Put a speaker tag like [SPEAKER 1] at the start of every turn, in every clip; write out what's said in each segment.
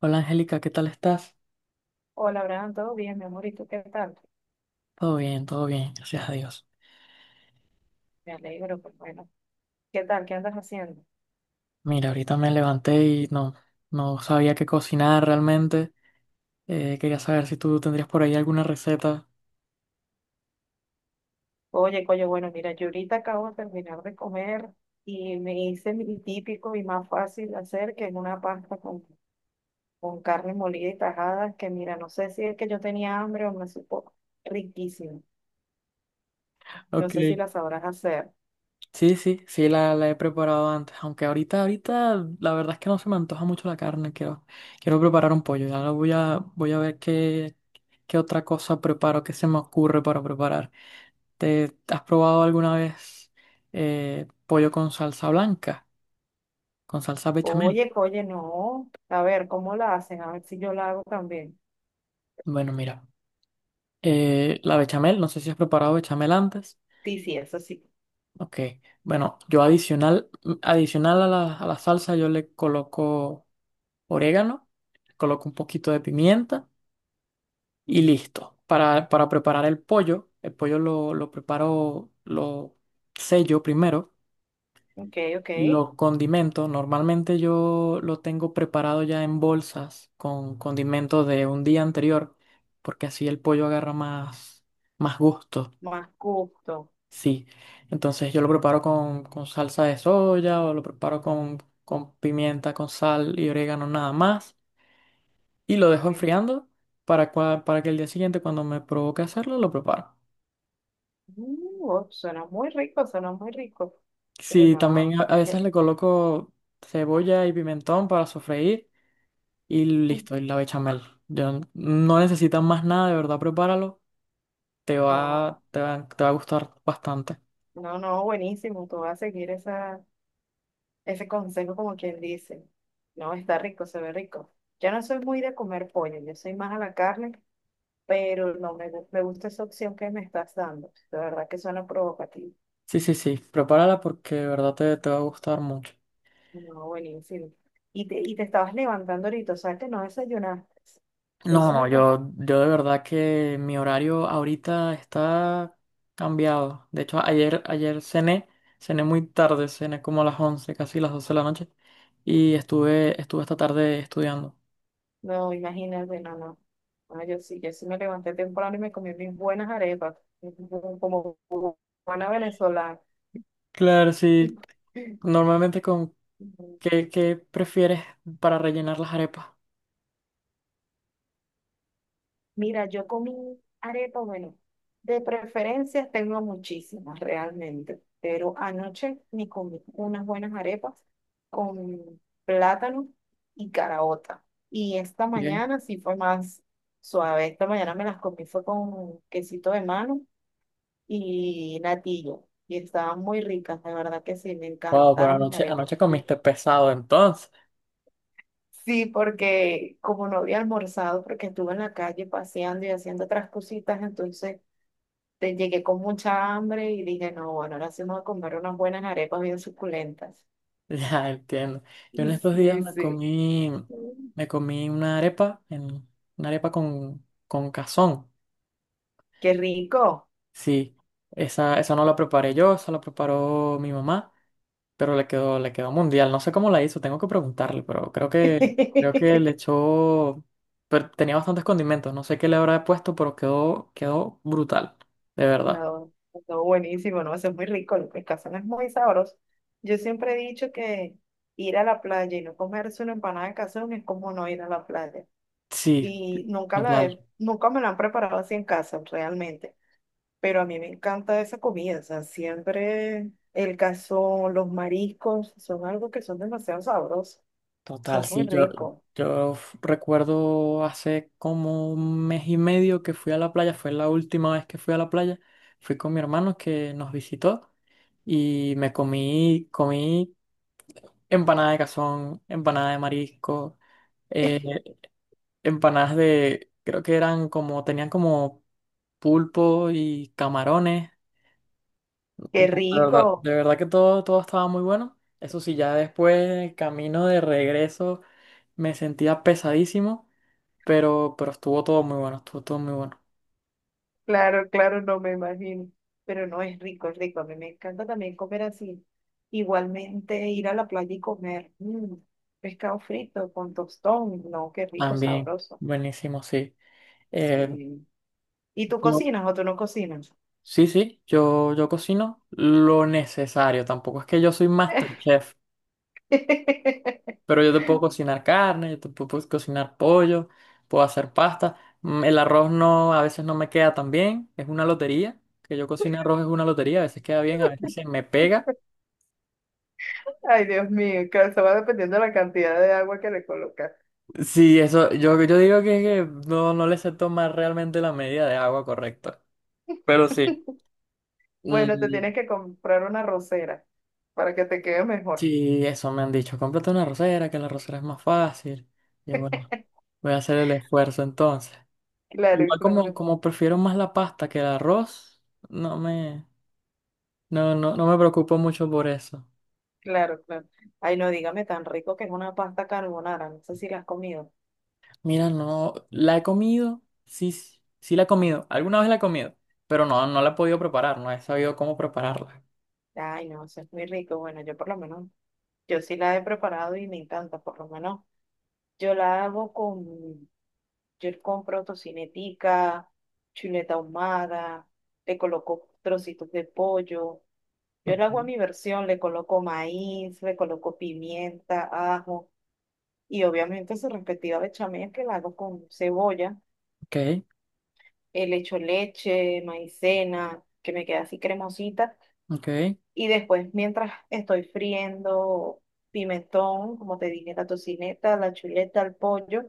[SPEAKER 1] Hola, Angélica, ¿qué tal estás?
[SPEAKER 2] Hola, Abraham, ¿todo bien, mi amor? ¿Y tú qué tal?
[SPEAKER 1] Todo bien, gracias a Dios.
[SPEAKER 2] Me alegro, pues bueno. ¿Qué tal? ¿Qué andas haciendo?
[SPEAKER 1] Mira, ahorita me levanté y no sabía qué cocinar realmente. Quería saber si tú tendrías por ahí alguna receta.
[SPEAKER 2] Oye, coño, bueno, mira, yo ahorita acabo de terminar de comer y me hice mi típico y más fácil de hacer que es una pasta con carne molida y tajadas, que mira, no sé si es que yo tenía hambre o me supo riquísimo. No
[SPEAKER 1] Ok.
[SPEAKER 2] sé si la sabrás hacer.
[SPEAKER 1] Sí, sí, sí, la he preparado antes, aunque ahorita la verdad es que no se me antoja mucho la carne. Quiero preparar un pollo. Ya voy a ver qué otra cosa preparo, qué se me ocurre para preparar. ¿Te has probado alguna vez pollo con salsa blanca, con salsa bechamel?
[SPEAKER 2] Oye, no. A ver, ¿cómo la hacen? A ver si yo la hago también.
[SPEAKER 1] Bueno, mira, la bechamel, no sé si has preparado bechamel antes.
[SPEAKER 2] Sí, sí, eso sí.
[SPEAKER 1] Ok, bueno, adicional a a la salsa yo le coloco orégano, coloco un poquito de pimienta y listo. Para preparar el pollo, lo preparo, lo sello primero,
[SPEAKER 2] Ok, ok.
[SPEAKER 1] lo condimento. Normalmente yo lo tengo preparado ya en bolsas con condimentos de un día anterior, porque así el pollo agarra más gusto.
[SPEAKER 2] Más gusto.
[SPEAKER 1] Sí, entonces yo lo preparo con salsa de soya o lo preparo con pimienta, con sal y orégano nada más y lo dejo
[SPEAKER 2] Eh,
[SPEAKER 1] enfriando para, para que el día siguiente cuando me provoque hacerlo lo preparo.
[SPEAKER 2] Oh, suena muy rico, suena muy rico. Pero
[SPEAKER 1] Sí,
[SPEAKER 2] no,
[SPEAKER 1] también a
[SPEAKER 2] ya-
[SPEAKER 1] veces le coloco cebolla y pimentón para sofreír y
[SPEAKER 2] uh,
[SPEAKER 1] listo, y la bechamel. Yo, no necesitas más nada, de verdad, prepáralo,
[SPEAKER 2] no,
[SPEAKER 1] te va a gustar bastante.
[SPEAKER 2] no, no, buenísimo. Tú vas a seguir ese consejo como quien dice. No, está rico, se ve rico. Yo no soy muy de comer pollo, yo soy más a la carne, pero no me, gu- me gusta esa opción que me estás dando. De verdad que suena provocativo.
[SPEAKER 1] Sí, sí, sí, prepárala porque de verdad te va a gustar mucho.
[SPEAKER 2] No, buenísimo. Y te estabas levantando ahorita, o sea que no desayunaste. Yo
[SPEAKER 1] No,
[SPEAKER 2] sí
[SPEAKER 1] no,
[SPEAKER 2] co-
[SPEAKER 1] yo de verdad que mi horario ahorita está cambiado. De hecho, ayer cené, cené muy tarde, cené como a las 11, casi las 12 de la noche, y estuve esta tarde estudiando.
[SPEAKER 2] No, imagínate, no, no. No, yo sí, yo sí me levanté temprano y me comí mis buenas arepas, como buena venezolana.
[SPEAKER 1] Claro, sí, normalmente con qué prefieres para rellenar las arepas?
[SPEAKER 2] Mira, yo comí arepa, bueno, de preferencias tengo muchísimas realmente, pero anoche me comí unas buenas arepas con plátano y caraota. Y esta
[SPEAKER 1] Bien.
[SPEAKER 2] mañana sí fue más suave. Esta mañana me las comí fue con quesito de mano y natillo. Y estaban muy ricas, de verdad que sí, me
[SPEAKER 1] Wow, pero
[SPEAKER 2] encantaron mis arepas.
[SPEAKER 1] anoche
[SPEAKER 2] Sí.
[SPEAKER 1] comiste pesado entonces.
[SPEAKER 2] Sí, porque como no había almorzado, porque estuve en la calle paseando y haciendo otras cositas, entonces llegué con mucha hambre y dije, no, bueno, ahora sí vamos a comer unas buenas arepas bien suculentas.
[SPEAKER 1] Ya entiendo. Yo en estos días
[SPEAKER 2] Sí, sí.
[SPEAKER 1] me comí una arepa, en, una arepa con cazón.
[SPEAKER 2] Qué rico.
[SPEAKER 1] Sí, esa no la preparé yo, esa la preparó mi mamá, pero le quedó mundial. No sé cómo la hizo, tengo que preguntarle, pero creo que le echó, pero tenía bastantes condimentos, no sé qué le habrá puesto, pero quedó brutal, de verdad.
[SPEAKER 2] No, no, buenísimo, no, eso es muy rico, el pescazón es muy sabroso. Yo siempre he dicho que ir a la playa y no comerse una empanada de cazón es como no ir a la playa.
[SPEAKER 1] Sí,
[SPEAKER 2] Y
[SPEAKER 1] total,
[SPEAKER 2] nunca me la han preparado así en casa, realmente. Pero a mí me encanta esa comida, o sea, siempre el cazón, los mariscos, son algo que son demasiado sabrosos,
[SPEAKER 1] total,
[SPEAKER 2] son muy
[SPEAKER 1] sí, yo,
[SPEAKER 2] ricos.
[SPEAKER 1] recuerdo hace como un mes y medio que fui a la playa, fue la última vez que fui a la playa, fui con mi hermano que nos visitó y me comí, comí. Empanada de cazón, empanada de marisco, eh, empanadas de, creo que eran como, tenían como pulpo y camarones. De
[SPEAKER 2] ¡Qué rico!
[SPEAKER 1] de verdad que todo, todo estaba muy bueno. Eso sí, ya después, el camino de regreso, me sentía pesadísimo, pero estuvo todo muy bueno, estuvo todo muy bueno.
[SPEAKER 2] Claro, claro, no me imagino, pero no es rico, es rico. A mí me encanta también comer así. Igualmente ir a la playa y comer pescado frito con tostón, no, qué rico,
[SPEAKER 1] También,
[SPEAKER 2] sabroso.
[SPEAKER 1] buenísimo, sí. Eh,
[SPEAKER 2] Sí. ¿Y tú
[SPEAKER 1] yo,
[SPEAKER 2] cocinas o tú no cocinas?
[SPEAKER 1] sí, sí, yo cocino lo necesario, tampoco es que yo soy MasterChef. Pero yo te puedo cocinar carne, yo te puedo pues, cocinar pollo, puedo hacer pasta. Mm. El arroz no, a veces no me queda tan bien, es una lotería. Que yo cocine arroz es una lotería, a veces queda bien, a veces se me pega.
[SPEAKER 2] Ay, Dios mío, claro, eso va dependiendo de la cantidad de agua que le colocas.
[SPEAKER 1] Sí, eso, yo digo que no, no le sé tomar realmente la medida de agua correcta. Pero sí.
[SPEAKER 2] Bueno, te
[SPEAKER 1] mm,
[SPEAKER 2] tienes que comprar una rosera para que te quede mejor.
[SPEAKER 1] sí, eso me han dicho. Cómprate una arrocera, que la arrocera es más fácil. Y yo, bueno, voy a hacer el esfuerzo entonces.
[SPEAKER 2] Claro,
[SPEAKER 1] Igual como,
[SPEAKER 2] claro,
[SPEAKER 1] como prefiero más la pasta que el arroz, no me. No, no me preocupo mucho por eso.
[SPEAKER 2] claro, claro. Ay, no, dígame tan rico que es una pasta carbonara. No sé si la has comido.
[SPEAKER 1] Mira, no, la he comido, sí, sí sí la he comido, alguna vez la he comido, pero no, no la he podido preparar, no he sabido cómo prepararla.
[SPEAKER 2] Ay, no, eso es muy rico. Bueno, yo por lo menos, yo sí la he preparado y me encanta, por lo menos. Yo la hago con, yo compro tocinetica, chuleta ahumada, le coloco trocitos de pollo. Yo le hago a
[SPEAKER 1] Ujú.
[SPEAKER 2] mi versión, le coloco maíz, le coloco pimienta, ajo y obviamente su respectiva bechamel que la hago con cebolla.
[SPEAKER 1] Ok,
[SPEAKER 2] Le echo leche, maicena, que me queda así cremosita
[SPEAKER 1] ok,
[SPEAKER 2] y después, mientras estoy friendo pimentón, como te dije, la tocineta, la chuleta, el pollo,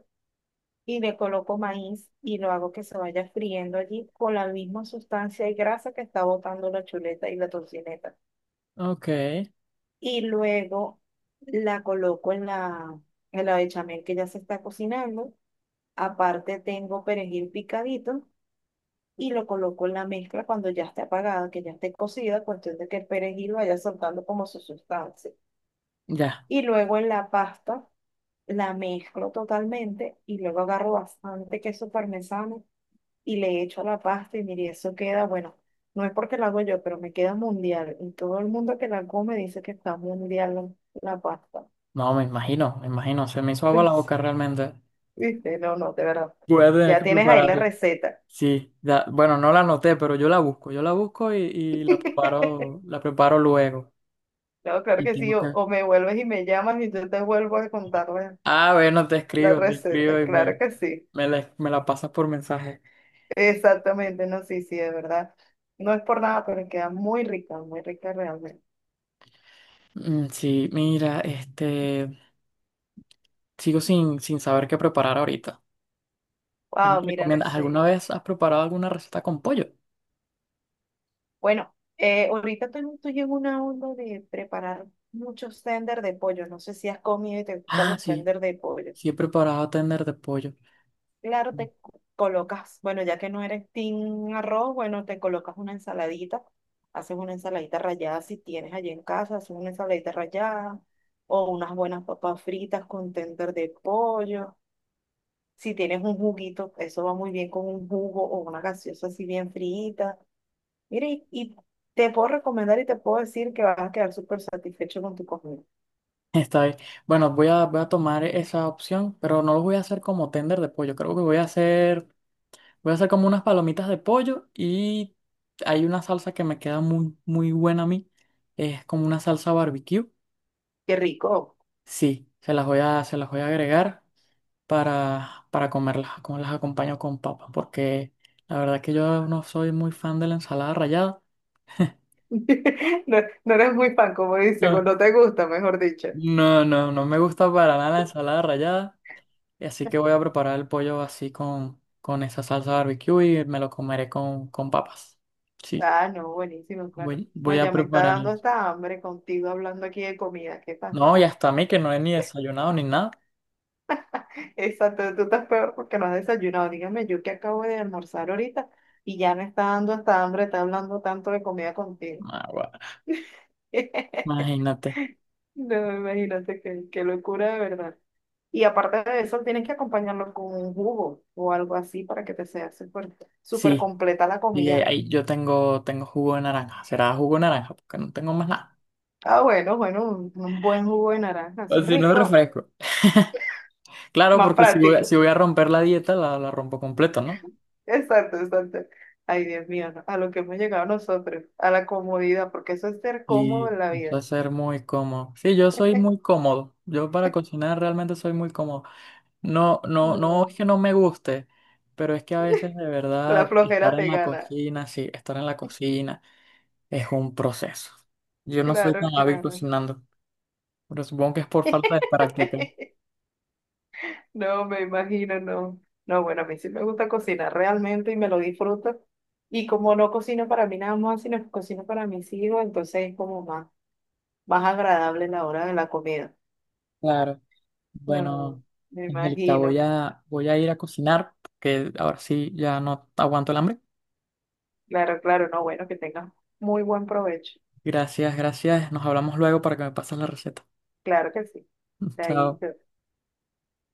[SPEAKER 2] y le coloco maíz y lo hago que se vaya friendo allí con la misma sustancia y grasa que está botando la chuleta y la tocineta.
[SPEAKER 1] ok,
[SPEAKER 2] Y luego la coloco en en la bechamel que ya se está cocinando. Aparte tengo perejil picadito y lo coloco en la mezcla cuando ya esté apagada, que ya esté cocida, cuestión de que el perejil vaya soltando como su sustancia.
[SPEAKER 1] ya.
[SPEAKER 2] Y luego en la pasta la mezclo totalmente y luego agarro bastante queso parmesano y le echo a la pasta y mire, eso queda, bueno, no es porque lo hago yo, pero me queda mundial. Y todo el mundo que la come dice que está mundial la pasta.
[SPEAKER 1] No, me imagino, se me hizo agua la boca realmente.
[SPEAKER 2] ¿Viste? No, no, de verdad.
[SPEAKER 1] Voy a tener
[SPEAKER 2] Ya
[SPEAKER 1] que
[SPEAKER 2] tienes ahí la
[SPEAKER 1] prepararla.
[SPEAKER 2] receta.
[SPEAKER 1] Sí, ya, bueno, no la anoté, pero yo la busco y la preparo luego.
[SPEAKER 2] No, claro
[SPEAKER 1] Y
[SPEAKER 2] que sí,
[SPEAKER 1] tengo que...
[SPEAKER 2] o me vuelves y me llamas y yo te vuelvo a contar la
[SPEAKER 1] Ah, bueno, te
[SPEAKER 2] la
[SPEAKER 1] escribo,
[SPEAKER 2] receta, claro que sí.
[SPEAKER 1] me me la pasas por mensaje.
[SPEAKER 2] Exactamente, no, sí, sí, de verdad. No es por nada, pero queda muy rica realmente.
[SPEAKER 1] Mm, sí, mira, este, sigo sin, sin saber qué preparar ahorita. ¿Qué me
[SPEAKER 2] Wow, mira, no
[SPEAKER 1] recomiendas?
[SPEAKER 2] sé.
[SPEAKER 1] ¿Alguna vez has preparado alguna receta con pollo?
[SPEAKER 2] Bueno, ahorita estoy en una onda de preparar muchos tender de pollo. No sé si has comido y te gustan
[SPEAKER 1] Ah,
[SPEAKER 2] los
[SPEAKER 1] sí,
[SPEAKER 2] tender de pollo.
[SPEAKER 1] sí he preparado tender de pollo.
[SPEAKER 2] Claro,
[SPEAKER 1] Mm.
[SPEAKER 2] te colocas, bueno, ya que no eres team arroz, bueno, te colocas una ensaladita. Haces una ensaladita rallada si tienes allí en casa, haces una ensaladita rallada o unas buenas papas fritas con tender de pollo. Si tienes un juguito, eso va muy bien con un jugo o una gaseosa así bien frita. Mira, y te puedo recomendar y te puedo decir que vas a quedar súper satisfecho con tu comida.
[SPEAKER 1] Está bien. Bueno, voy a tomar esa opción, pero no lo voy a hacer como tender de pollo. Creo que voy a hacer como unas palomitas de pollo y hay una salsa que me queda muy buena a mí. Es como una salsa barbecue.
[SPEAKER 2] Qué rico.
[SPEAKER 1] Sí, se las voy a agregar. Para comerlas, como las acompaño con papas porque la verdad que yo no soy muy fan de la ensalada rallada.
[SPEAKER 2] No, no eres muy fan, como dicen, o
[SPEAKER 1] No.
[SPEAKER 2] no te gusta, mejor dicho.
[SPEAKER 1] No, no, no me gusta para nada la ensalada rallada, y así que voy a preparar el pollo así con esa salsa barbecue y me lo comeré con papas. Sí,
[SPEAKER 2] Ah, no, buenísimo, claro.
[SPEAKER 1] voy,
[SPEAKER 2] No,
[SPEAKER 1] voy a
[SPEAKER 2] ya me está
[SPEAKER 1] preparar
[SPEAKER 2] dando
[SPEAKER 1] eso.
[SPEAKER 2] hasta hambre contigo hablando aquí de comida. ¿Qué
[SPEAKER 1] No,
[SPEAKER 2] pasa?
[SPEAKER 1] y hasta a mí que no he ni desayunado ni nada.
[SPEAKER 2] Exacto, tú estás peor porque no has desayunado. Dígame, yo que acabo de almorzar ahorita y ya me está dando hasta hambre, está hablando tanto de comida contigo.
[SPEAKER 1] Ah, bueno, imagínate.
[SPEAKER 2] No, me imagínate qué locura de verdad. Y aparte de eso, tienes que acompañarlo con un jugo o algo así para que te sea súper súper
[SPEAKER 1] Sí,
[SPEAKER 2] completa la
[SPEAKER 1] y ahí
[SPEAKER 2] comida.
[SPEAKER 1] ahí yo tengo, tengo jugo de naranja. Será jugo de naranja, porque no tengo más nada.
[SPEAKER 2] Ah, bueno, bueno, un buen jugo de naranja,
[SPEAKER 1] O
[SPEAKER 2] eso es
[SPEAKER 1] si no,
[SPEAKER 2] rico,
[SPEAKER 1] refresco. Claro,
[SPEAKER 2] más
[SPEAKER 1] porque si voy a, si
[SPEAKER 2] práctico.
[SPEAKER 1] voy a romper la dieta, la rompo completo, ¿no?
[SPEAKER 2] Exacto, exacto. Ay, Dios mío, no, a lo que hemos llegado nosotros, a la comodidad, porque eso es ser cómodo en la
[SPEAKER 1] Y va a
[SPEAKER 2] vida.
[SPEAKER 1] ser muy cómodo. Sí, yo soy muy cómodo. Yo para cocinar realmente soy muy cómodo. No, no, no es
[SPEAKER 2] No,
[SPEAKER 1] que no me guste, pero es que a veces de
[SPEAKER 2] la
[SPEAKER 1] verdad estar
[SPEAKER 2] flojera
[SPEAKER 1] en
[SPEAKER 2] te
[SPEAKER 1] la
[SPEAKER 2] gana.
[SPEAKER 1] cocina, sí, estar en la cocina es un proceso. Yo no soy tan
[SPEAKER 2] Claro,
[SPEAKER 1] hábil
[SPEAKER 2] claro.
[SPEAKER 1] cocinando, pero supongo que es por falta de práctica.
[SPEAKER 2] No, me imagino, no. No, bueno, a mí sí me gusta cocinar realmente y me lo disfruto. Y como no cocino para mí nada más, sino que cocino para mis hijos, entonces es como más, más agradable la hora de la comida.
[SPEAKER 1] Claro.
[SPEAKER 2] No,
[SPEAKER 1] Bueno,
[SPEAKER 2] me
[SPEAKER 1] Angélica,
[SPEAKER 2] imagino.
[SPEAKER 1] voy a ir a cocinar, porque ahora sí ya no aguanto el hambre.
[SPEAKER 2] Claro, claro, no, bueno, que tengas muy buen provecho.
[SPEAKER 1] Gracias, gracias. Nos hablamos luego para que me pases la receta.
[SPEAKER 2] Claro que sí. Ahí,
[SPEAKER 1] Chao.